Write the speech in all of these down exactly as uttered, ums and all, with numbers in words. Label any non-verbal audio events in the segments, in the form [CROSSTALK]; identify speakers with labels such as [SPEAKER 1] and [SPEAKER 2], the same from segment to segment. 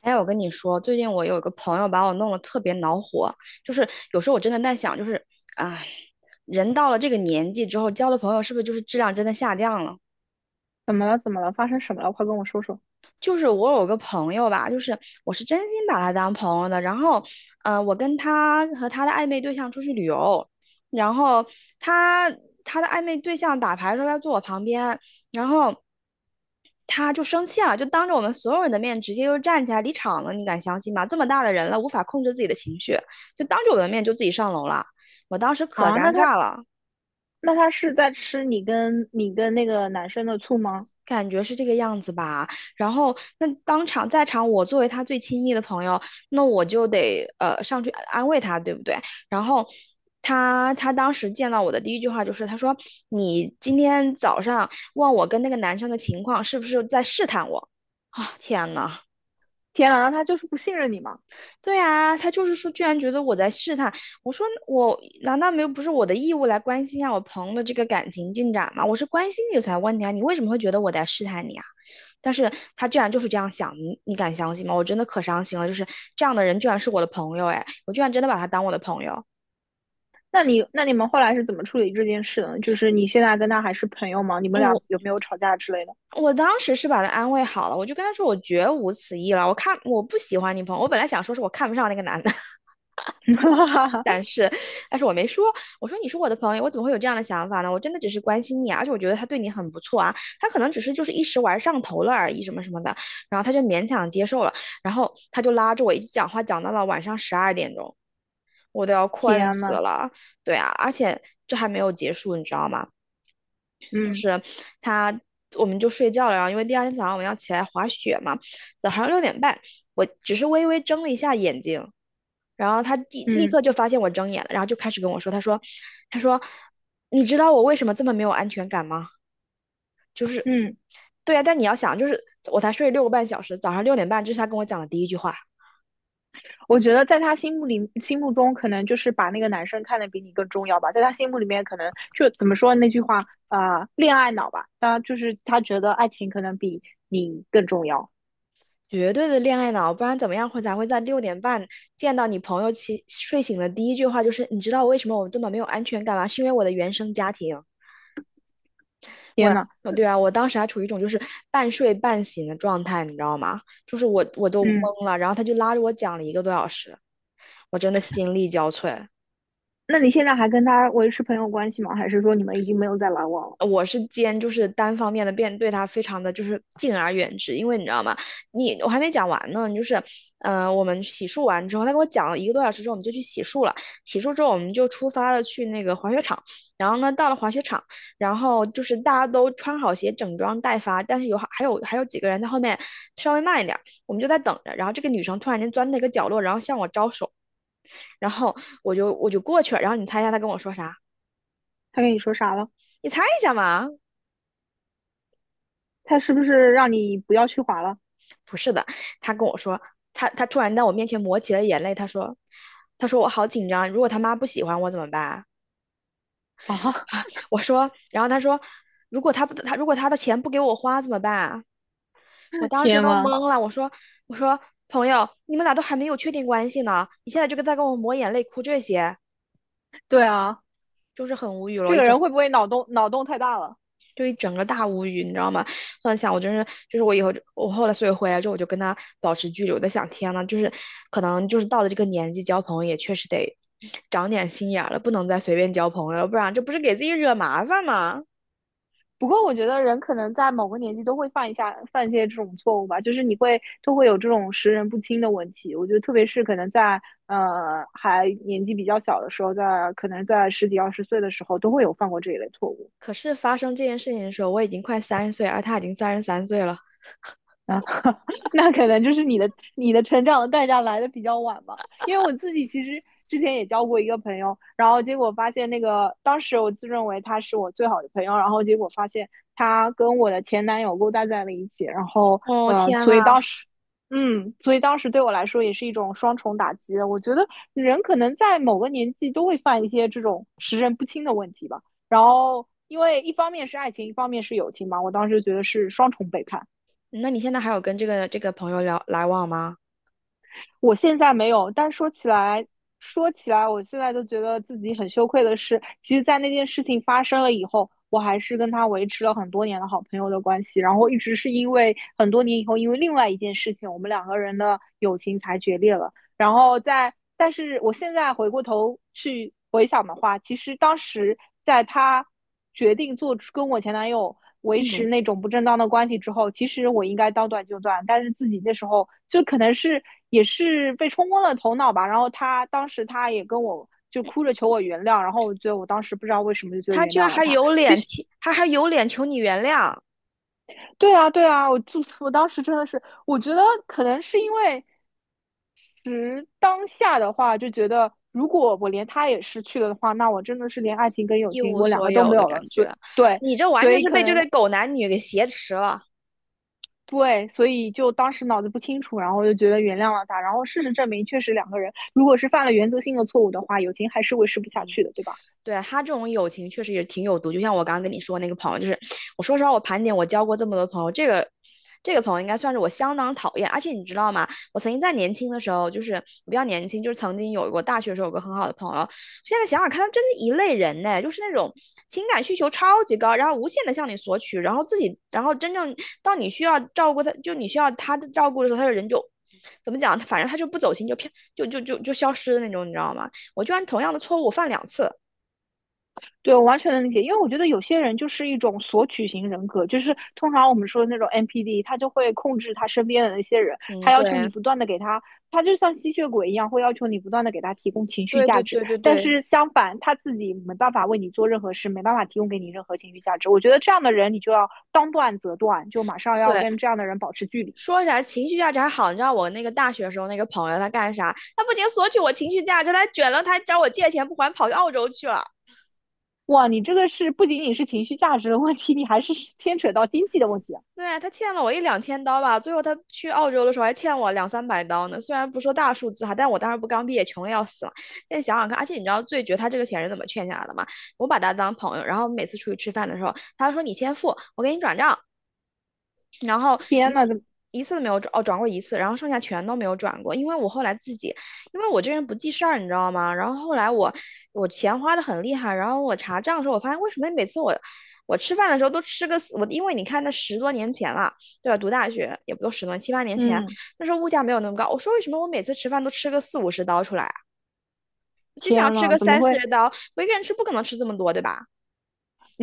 [SPEAKER 1] 哎，我跟你说，最近我有一个朋友把我弄得特别恼火，就是有时候我真的在想，就是，唉，人到了这个年纪之后，交的朋友是不是就是质量真的下降了？
[SPEAKER 2] 怎么了？怎么了？发生什么了？快跟我说说
[SPEAKER 1] 就是我有个朋友吧，就是我是真心把他当朋友的，然后，呃，我跟他和他的暧昧对象出去旅游，然后他他的暧昧对象打牌的时候要坐我旁边，然后。他就生气了，就当着我们所有人的面直接就站起来离场了，你敢相信吗？这么大的人了，无法控制自己的情绪，就当着我的面就自己上楼了。我当时可
[SPEAKER 2] 啊！
[SPEAKER 1] 尴
[SPEAKER 2] 那他
[SPEAKER 1] 尬了，
[SPEAKER 2] 那他是在吃你跟你跟那个男生的醋吗？
[SPEAKER 1] 感觉是这个样子吧。然后那当场在场，我作为他最亲密的朋友，那我就得呃上去安慰他，对不对？然后他他当时见到我的第一句话就是他说："你今天早上问我跟那个男生的情况，是不是在试探我？"啊，天呐！
[SPEAKER 2] 天啊，那他就是不信任你吗？
[SPEAKER 1] 对啊，他就是说，居然觉得我在试探。我说我难道没有不是我的义务来关心一下我朋友的这个感情进展吗？我是关心你才问你啊，你为什么会觉得我在试探你啊？但是他居然就是这样想，你你敢相信吗？我真的可伤心了，就是这样的人居然是我的朋友，哎，我居然真的把他当我的朋友。
[SPEAKER 2] 那你那你们后来是怎么处理这件事的呢？就是你现在跟他还是朋友吗？你
[SPEAKER 1] 哦
[SPEAKER 2] 们俩
[SPEAKER 1] 我
[SPEAKER 2] 有没有吵架之类的？
[SPEAKER 1] 我当时是把他安慰好了，我就跟他说我绝无此意了，我看我不喜欢你朋友，我本来想说是我看不上那个男的。
[SPEAKER 2] [LAUGHS]
[SPEAKER 1] 是，但是我没说，我说你是我的朋友，我怎么会有这样的想法呢？我真的只是关心你啊而且我觉得他对你很不错啊，他可能只是就是一时玩上头了而已，什么什么的，然后他就勉强接受了，然后他就拉着我一直讲话，讲到了晚上十二点钟，我都要困
[SPEAKER 2] 天
[SPEAKER 1] 死
[SPEAKER 2] 呐，
[SPEAKER 1] 了，对啊，而且这还没有结束，你知道吗？就
[SPEAKER 2] 嗯
[SPEAKER 1] 是他我们就睡觉了，然后因为第二天早上我们要起来滑雪嘛，早上六点半，我只是微微睁了一下眼睛，然后他立立
[SPEAKER 2] 嗯
[SPEAKER 1] 刻就发现我睁眼了，然后就开始跟我说，他说，他说，你知道我为什么这么没有安全感吗？就是，
[SPEAKER 2] 嗯，
[SPEAKER 1] 对呀、但你要想，就是我才睡六个半小时，早上六点半，这是他跟我讲的第一句话。
[SPEAKER 2] 我觉得在他心目里心目中，可能就是把那个男生看得比你更重要吧。在他心目里面，可能就怎么说那句话啊、呃恋爱脑吧。他就是他觉得爱情可能比你更重要。
[SPEAKER 1] 绝对的恋爱脑，不然怎么样会才会在六点半见到你朋友起睡醒的第一句话就是你知道我为什么我这么没有安全感吗？是因为我的原生家庭。
[SPEAKER 2] 天
[SPEAKER 1] 我，
[SPEAKER 2] 呐！
[SPEAKER 1] 呃对啊，我当时还处于一种就是半睡半醒的状态，你知道吗？就是我我都
[SPEAKER 2] 嗯，
[SPEAKER 1] 懵了，然后他就拉着我讲了一个多小时，我真的心力交瘁。
[SPEAKER 2] 那你现在还跟他维持朋友关系吗？还是说你们已经没有再来往了？
[SPEAKER 1] 我是兼就是单方面的变对他非常的就是敬而远之，因为你知道吗？你我还没讲完呢，就是呃，我们洗漱完之后，他跟我讲了一个多小时之后，我们就去洗漱了。洗漱之后，我们就出发了去那个滑雪场。然后呢，到了滑雪场，然后就是大家都穿好鞋，整装待发，但是有还有还有几个人在后面稍微慢一点，我们就在等着。然后这个女生突然间钻到一个角落，然后向我招手，然后我就我就过去了。然后你猜一下她跟我说啥？
[SPEAKER 2] 他跟你说啥了？
[SPEAKER 1] 你猜一下嘛？
[SPEAKER 2] 他是不是让你不要去滑了？
[SPEAKER 1] 不是的，他跟我说，他他突然在我面前抹起了眼泪，他说，他说我好紧张，如果他妈不喜欢我怎么办？[LAUGHS]
[SPEAKER 2] 啊，
[SPEAKER 1] 啊，我说，然后他说，如果他不他如果他的钱不给我花怎么办？我
[SPEAKER 2] [LAUGHS]
[SPEAKER 1] 当时
[SPEAKER 2] 天
[SPEAKER 1] 都
[SPEAKER 2] 呐，
[SPEAKER 1] 懵了，我说我说朋友，你们俩都还没有确定关系呢，你现在这个在跟我抹眼泪哭这些，
[SPEAKER 2] 对啊，
[SPEAKER 1] 就是很无语了，
[SPEAKER 2] 这
[SPEAKER 1] 我一
[SPEAKER 2] 个
[SPEAKER 1] 整
[SPEAKER 2] 人会不会脑洞脑洞太大了？
[SPEAKER 1] 就一整个大无语，你知道吗？幻想我真是，就是我以后就我后来所以回来之后我就跟他保持距离，我在想天呐，就是可能就是到了这个年纪，交朋友也确实得长点心眼儿了，不能再随便交朋友了，不然这不是给自己惹麻烦吗？
[SPEAKER 2] 不过我觉得人可能在某个年纪都会犯一下犯一些这种错误吧，就是你会都会有这种识人不清的问题。我觉得特别是可能在呃还年纪比较小的时候，在可能在十几二十岁的时候，都会有犯过这一类错误。
[SPEAKER 1] 可是发生这件事情的时候，我已经快三十岁，而他已经三十三岁了。
[SPEAKER 2] 啊，[LAUGHS] 那可能就是你的你的成长的代价来的比较晚吧。因为我自己其实之前也交过一个朋友，然后结果发现那个当时我自认为他是我最好的朋友，然后结果发现他跟我的前男友勾搭在了一起，然后
[SPEAKER 1] 哦
[SPEAKER 2] 呃，
[SPEAKER 1] 天
[SPEAKER 2] 所
[SPEAKER 1] 呐，
[SPEAKER 2] 以当时。嗯，所以当时对我来说也是一种双重打击。我觉得人可能在某个年纪都会犯一些这种识人不清的问题吧。然后，因为一方面是爱情，一方面是友情嘛，我当时觉得是双重背叛。
[SPEAKER 1] 那你现在还有跟这个这个朋友聊来往吗？
[SPEAKER 2] 我现在没有，但说起来，说起来，我现在都觉得自己很羞愧的是，其实，在那件事情发生了以后，我还是跟他维持了很多年的好朋友的关系，然后一直是因为很多年以后，因为另外一件事情，我们两个人的友情才决裂了。然后在，但是我现在回过头去回想的话，其实当时在他决定做出跟我前男友维持
[SPEAKER 1] 嗯，
[SPEAKER 2] 那种不正当的关系之后，其实我应该当断就断，但是自己那时候就可能是也是被冲昏了头脑吧。然后他当时他也跟我就哭着求我原谅，然后我觉得我当时不知道为什么就觉得
[SPEAKER 1] 他
[SPEAKER 2] 原
[SPEAKER 1] 居然
[SPEAKER 2] 谅了
[SPEAKER 1] 还
[SPEAKER 2] 他。
[SPEAKER 1] 有脸，他还有脸求你原谅。
[SPEAKER 2] 对啊，对啊，我就我当时真的是，我觉得可能是因为时当下的话，就觉得如果我连他也失去了的话，那我真的是连爱情跟友
[SPEAKER 1] 一
[SPEAKER 2] 情
[SPEAKER 1] 无
[SPEAKER 2] 我两
[SPEAKER 1] 所
[SPEAKER 2] 个都
[SPEAKER 1] 有
[SPEAKER 2] 没
[SPEAKER 1] 的
[SPEAKER 2] 有
[SPEAKER 1] 感
[SPEAKER 2] 了。所以
[SPEAKER 1] 觉。
[SPEAKER 2] 对，
[SPEAKER 1] 你这完
[SPEAKER 2] 所
[SPEAKER 1] 全
[SPEAKER 2] 以
[SPEAKER 1] 是
[SPEAKER 2] 可
[SPEAKER 1] 被这
[SPEAKER 2] 能
[SPEAKER 1] 对狗男女给挟持了。
[SPEAKER 2] 对，所以就当时脑子不清楚，然后就觉得原谅了他。然后事实证明，确实两个人如果是犯了原则性的错误的话，友情还是维持不下去的，对吧？
[SPEAKER 1] 对他这种友情确实也挺有毒，就像我刚刚跟你说那个朋友，就是我说实话，我盘点我交过这么多朋友，这个这个朋友应该算是我相当讨厌。而且你知道吗？我曾经在年轻的时候，就是比较年轻，就是曾经有过大学的时候有个很好的朋友。现在想想看，他真是一类人呢，就是那种情感需求超级高，然后无限的向你索取，然后自己，然后真正到你需要照顾他，就你需要他的照顾的时候，他的人就怎么讲？反正他就不走心，就偏就就就就消失的那种，你知道吗？我居然同样的错误犯两次。
[SPEAKER 2] 对，我完全能理解，因为我觉得有些人就是一种索取型人格，就是通常我们说的那种 N P D,他就会控制他身边的那些人，
[SPEAKER 1] 嗯，
[SPEAKER 2] 他要求
[SPEAKER 1] 对，
[SPEAKER 2] 你不断的给他，他就像吸血鬼一样，会要求你不断的给他提供情绪
[SPEAKER 1] 对对
[SPEAKER 2] 价值，
[SPEAKER 1] 对对
[SPEAKER 2] 但
[SPEAKER 1] 对
[SPEAKER 2] 是相反他自己没办法为你做任何事，没办法提供给你任何情绪价值。我觉得这样的人，你就要当断则断，就马上要
[SPEAKER 1] 对，
[SPEAKER 2] 跟这样的人保持距离。
[SPEAKER 1] 说起来情绪价值还好，你知道我那个大学时候那个朋友他干啥？他不仅索取我情绪价值，他还卷了，他还找我借钱不还，跑去澳洲去了。
[SPEAKER 2] 哇，你这个是不仅仅是情绪价值的问题，你还是牵扯到经济的问题啊！
[SPEAKER 1] 对啊，他欠了我一两千刀吧，最后他去澳洲的时候还欠我两三百刀呢。虽然不说大数字哈，但我当时不刚毕业，穷的要死了。现在想想看，而且你知道最绝他这个钱是怎么欠下来的吗？我把他当朋友，然后每次出去吃饭的时候，他说你先付，我给你转账。然后
[SPEAKER 2] 天
[SPEAKER 1] 一
[SPEAKER 2] 呐，
[SPEAKER 1] 次
[SPEAKER 2] 怎么，
[SPEAKER 1] 一次都没有转，哦，转过一次，然后剩下全都没有转过，因为我后来自己，因为我这人不记事儿，你知道吗？然后后来我我钱花的很厉害，然后我查账的时候，我发现为什么每次我我吃饭的时候都吃个死我，因为你看那十多年前了，对吧？读大学也不都十多七八年前，
[SPEAKER 2] 嗯，
[SPEAKER 1] 那时候物价没有那么高，我说为什么我每次吃饭都吃个四五十刀出来啊？经常
[SPEAKER 2] 天
[SPEAKER 1] 吃
[SPEAKER 2] 呐，
[SPEAKER 1] 个
[SPEAKER 2] 怎么
[SPEAKER 1] 三四
[SPEAKER 2] 会？
[SPEAKER 1] 十刀，我一个人吃不可能吃这么多，对吧？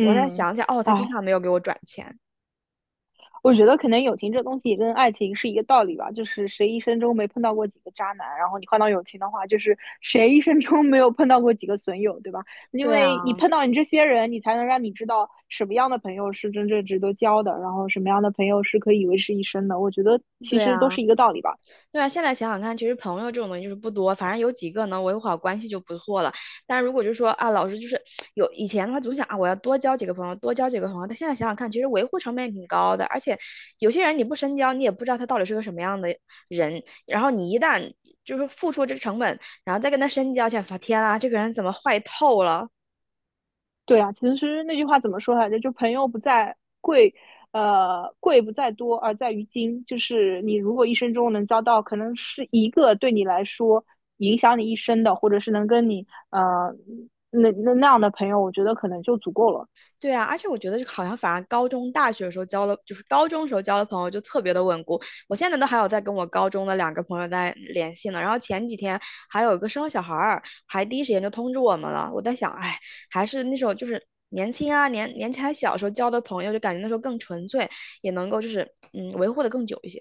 [SPEAKER 1] 我再想想，哦，他经
[SPEAKER 2] 哎，
[SPEAKER 1] 常没有给我转钱，
[SPEAKER 2] 我觉得可能友情这东西也跟爱情是一个道理吧，就是谁一生中没碰到过几个渣男，然后你换到友情的话，就是谁一生中没有碰到过几个损友，对吧？因
[SPEAKER 1] 对
[SPEAKER 2] 为
[SPEAKER 1] 啊，
[SPEAKER 2] 你碰到你这些人，你才能让你知道什么样的朋友是真正值得交的，然后什么样的朋友是可以维持一生的。我觉得其
[SPEAKER 1] 对
[SPEAKER 2] 实都
[SPEAKER 1] 啊。
[SPEAKER 2] 是一个道理吧。
[SPEAKER 1] 对啊，现在想想看，其实朋友这种东西就是不多，反正有几个能维护好关系就不错了。但如果就说啊，老师就是有以前的话，总想啊，我要多交几个朋友，多交几个朋友。但现在想想看，其实维护成本也挺高的，而且有些人你不深交，你也不知道他到底是个什么样的人。然后你一旦就是付出这个成本，然后再跟他深交，想发天啊，这个人怎么坏透了？
[SPEAKER 2] 对啊，其实那句话怎么说来着？就朋友不在贵，呃，贵不在多，而在于精。就是你如果一生中能交到，可能是一个对你来说影响你一生的，或者是能跟你呃那那那样的朋友，我觉得可能就足够了。
[SPEAKER 1] 对啊，而且我觉得好像反而高中、大学的时候交的，就是高中时候交的朋友就特别的稳固。我现在都还有在跟我高中的两个朋友在嗯联系呢。然后前几天还有一个生了小孩儿，还第一时间就通知我们了。我在想，哎，还是那时候就是年轻啊，年年纪还小时候交的朋友，就感觉那时候更纯粹，也能够就是嗯维护的更久一些。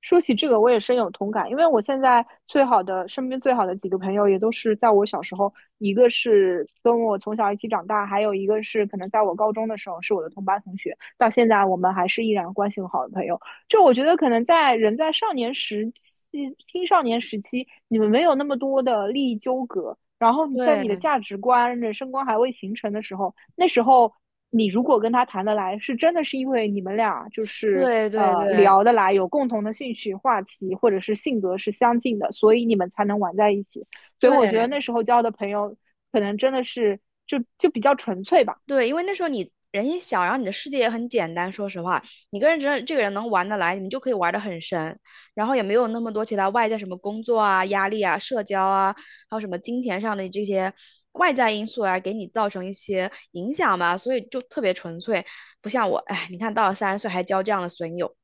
[SPEAKER 2] 说起这个，我也深有同感，因为我现在最好的身边最好的几个朋友，也都是在我小时候，一个是跟我从小一起长大，还有一个是可能在我高中的时候是我的同班同学，到现在我们还是依然关系很好的朋友。就我觉得，可能在人在少年时期、青少年时期，你们没有那么多的利益纠葛，然后你在你的
[SPEAKER 1] 对
[SPEAKER 2] 价值观、人生观还未形成的时候，那时候你如果跟他谈得来，是真的是因为你们俩就是
[SPEAKER 1] 对对
[SPEAKER 2] 呃
[SPEAKER 1] 对
[SPEAKER 2] 聊得来，有共同的兴趣话题，或者是性格是相近的，所以你们才能玩在一起。所以我觉得
[SPEAKER 1] 对。
[SPEAKER 2] 那时候交的朋友，可能真的是就就比较纯粹吧。
[SPEAKER 1] 对，因为那时候你人也小，然后你的世界也很简单。说实话，你跟人这这个人能玩得来，你们就可以玩得很深，然后也没有那么多其他外在什么工作啊、压力啊、社交啊，还有什么金钱上的这些外在因素啊，给你造成一些影响吧。所以就特别纯粹，不像我，哎，你看到了三十岁还交这样的损友，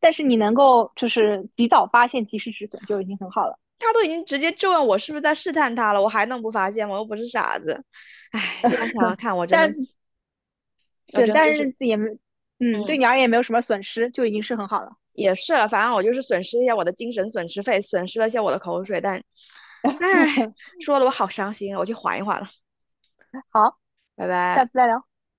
[SPEAKER 2] 但是你能够就是及早发现、及时止损就已经很好了。
[SPEAKER 1] 他都已经直接质问我是不是在试探他了，我还能不发现吗？我又不是傻子。哎，现在想想看，我真的，
[SPEAKER 2] 但
[SPEAKER 1] 我
[SPEAKER 2] 是
[SPEAKER 1] 真的
[SPEAKER 2] 但
[SPEAKER 1] 就是，
[SPEAKER 2] 是也没嗯，对
[SPEAKER 1] 嗯。
[SPEAKER 2] 你而言也没有什么损失，就已经是很好了。
[SPEAKER 1] 也是了反正我就是损失一下我的精神损失费，损失了一下我的口水，但，唉，说的我好伤心啊我去缓一缓了，
[SPEAKER 2] 好，
[SPEAKER 1] 拜拜。
[SPEAKER 2] 下次再聊。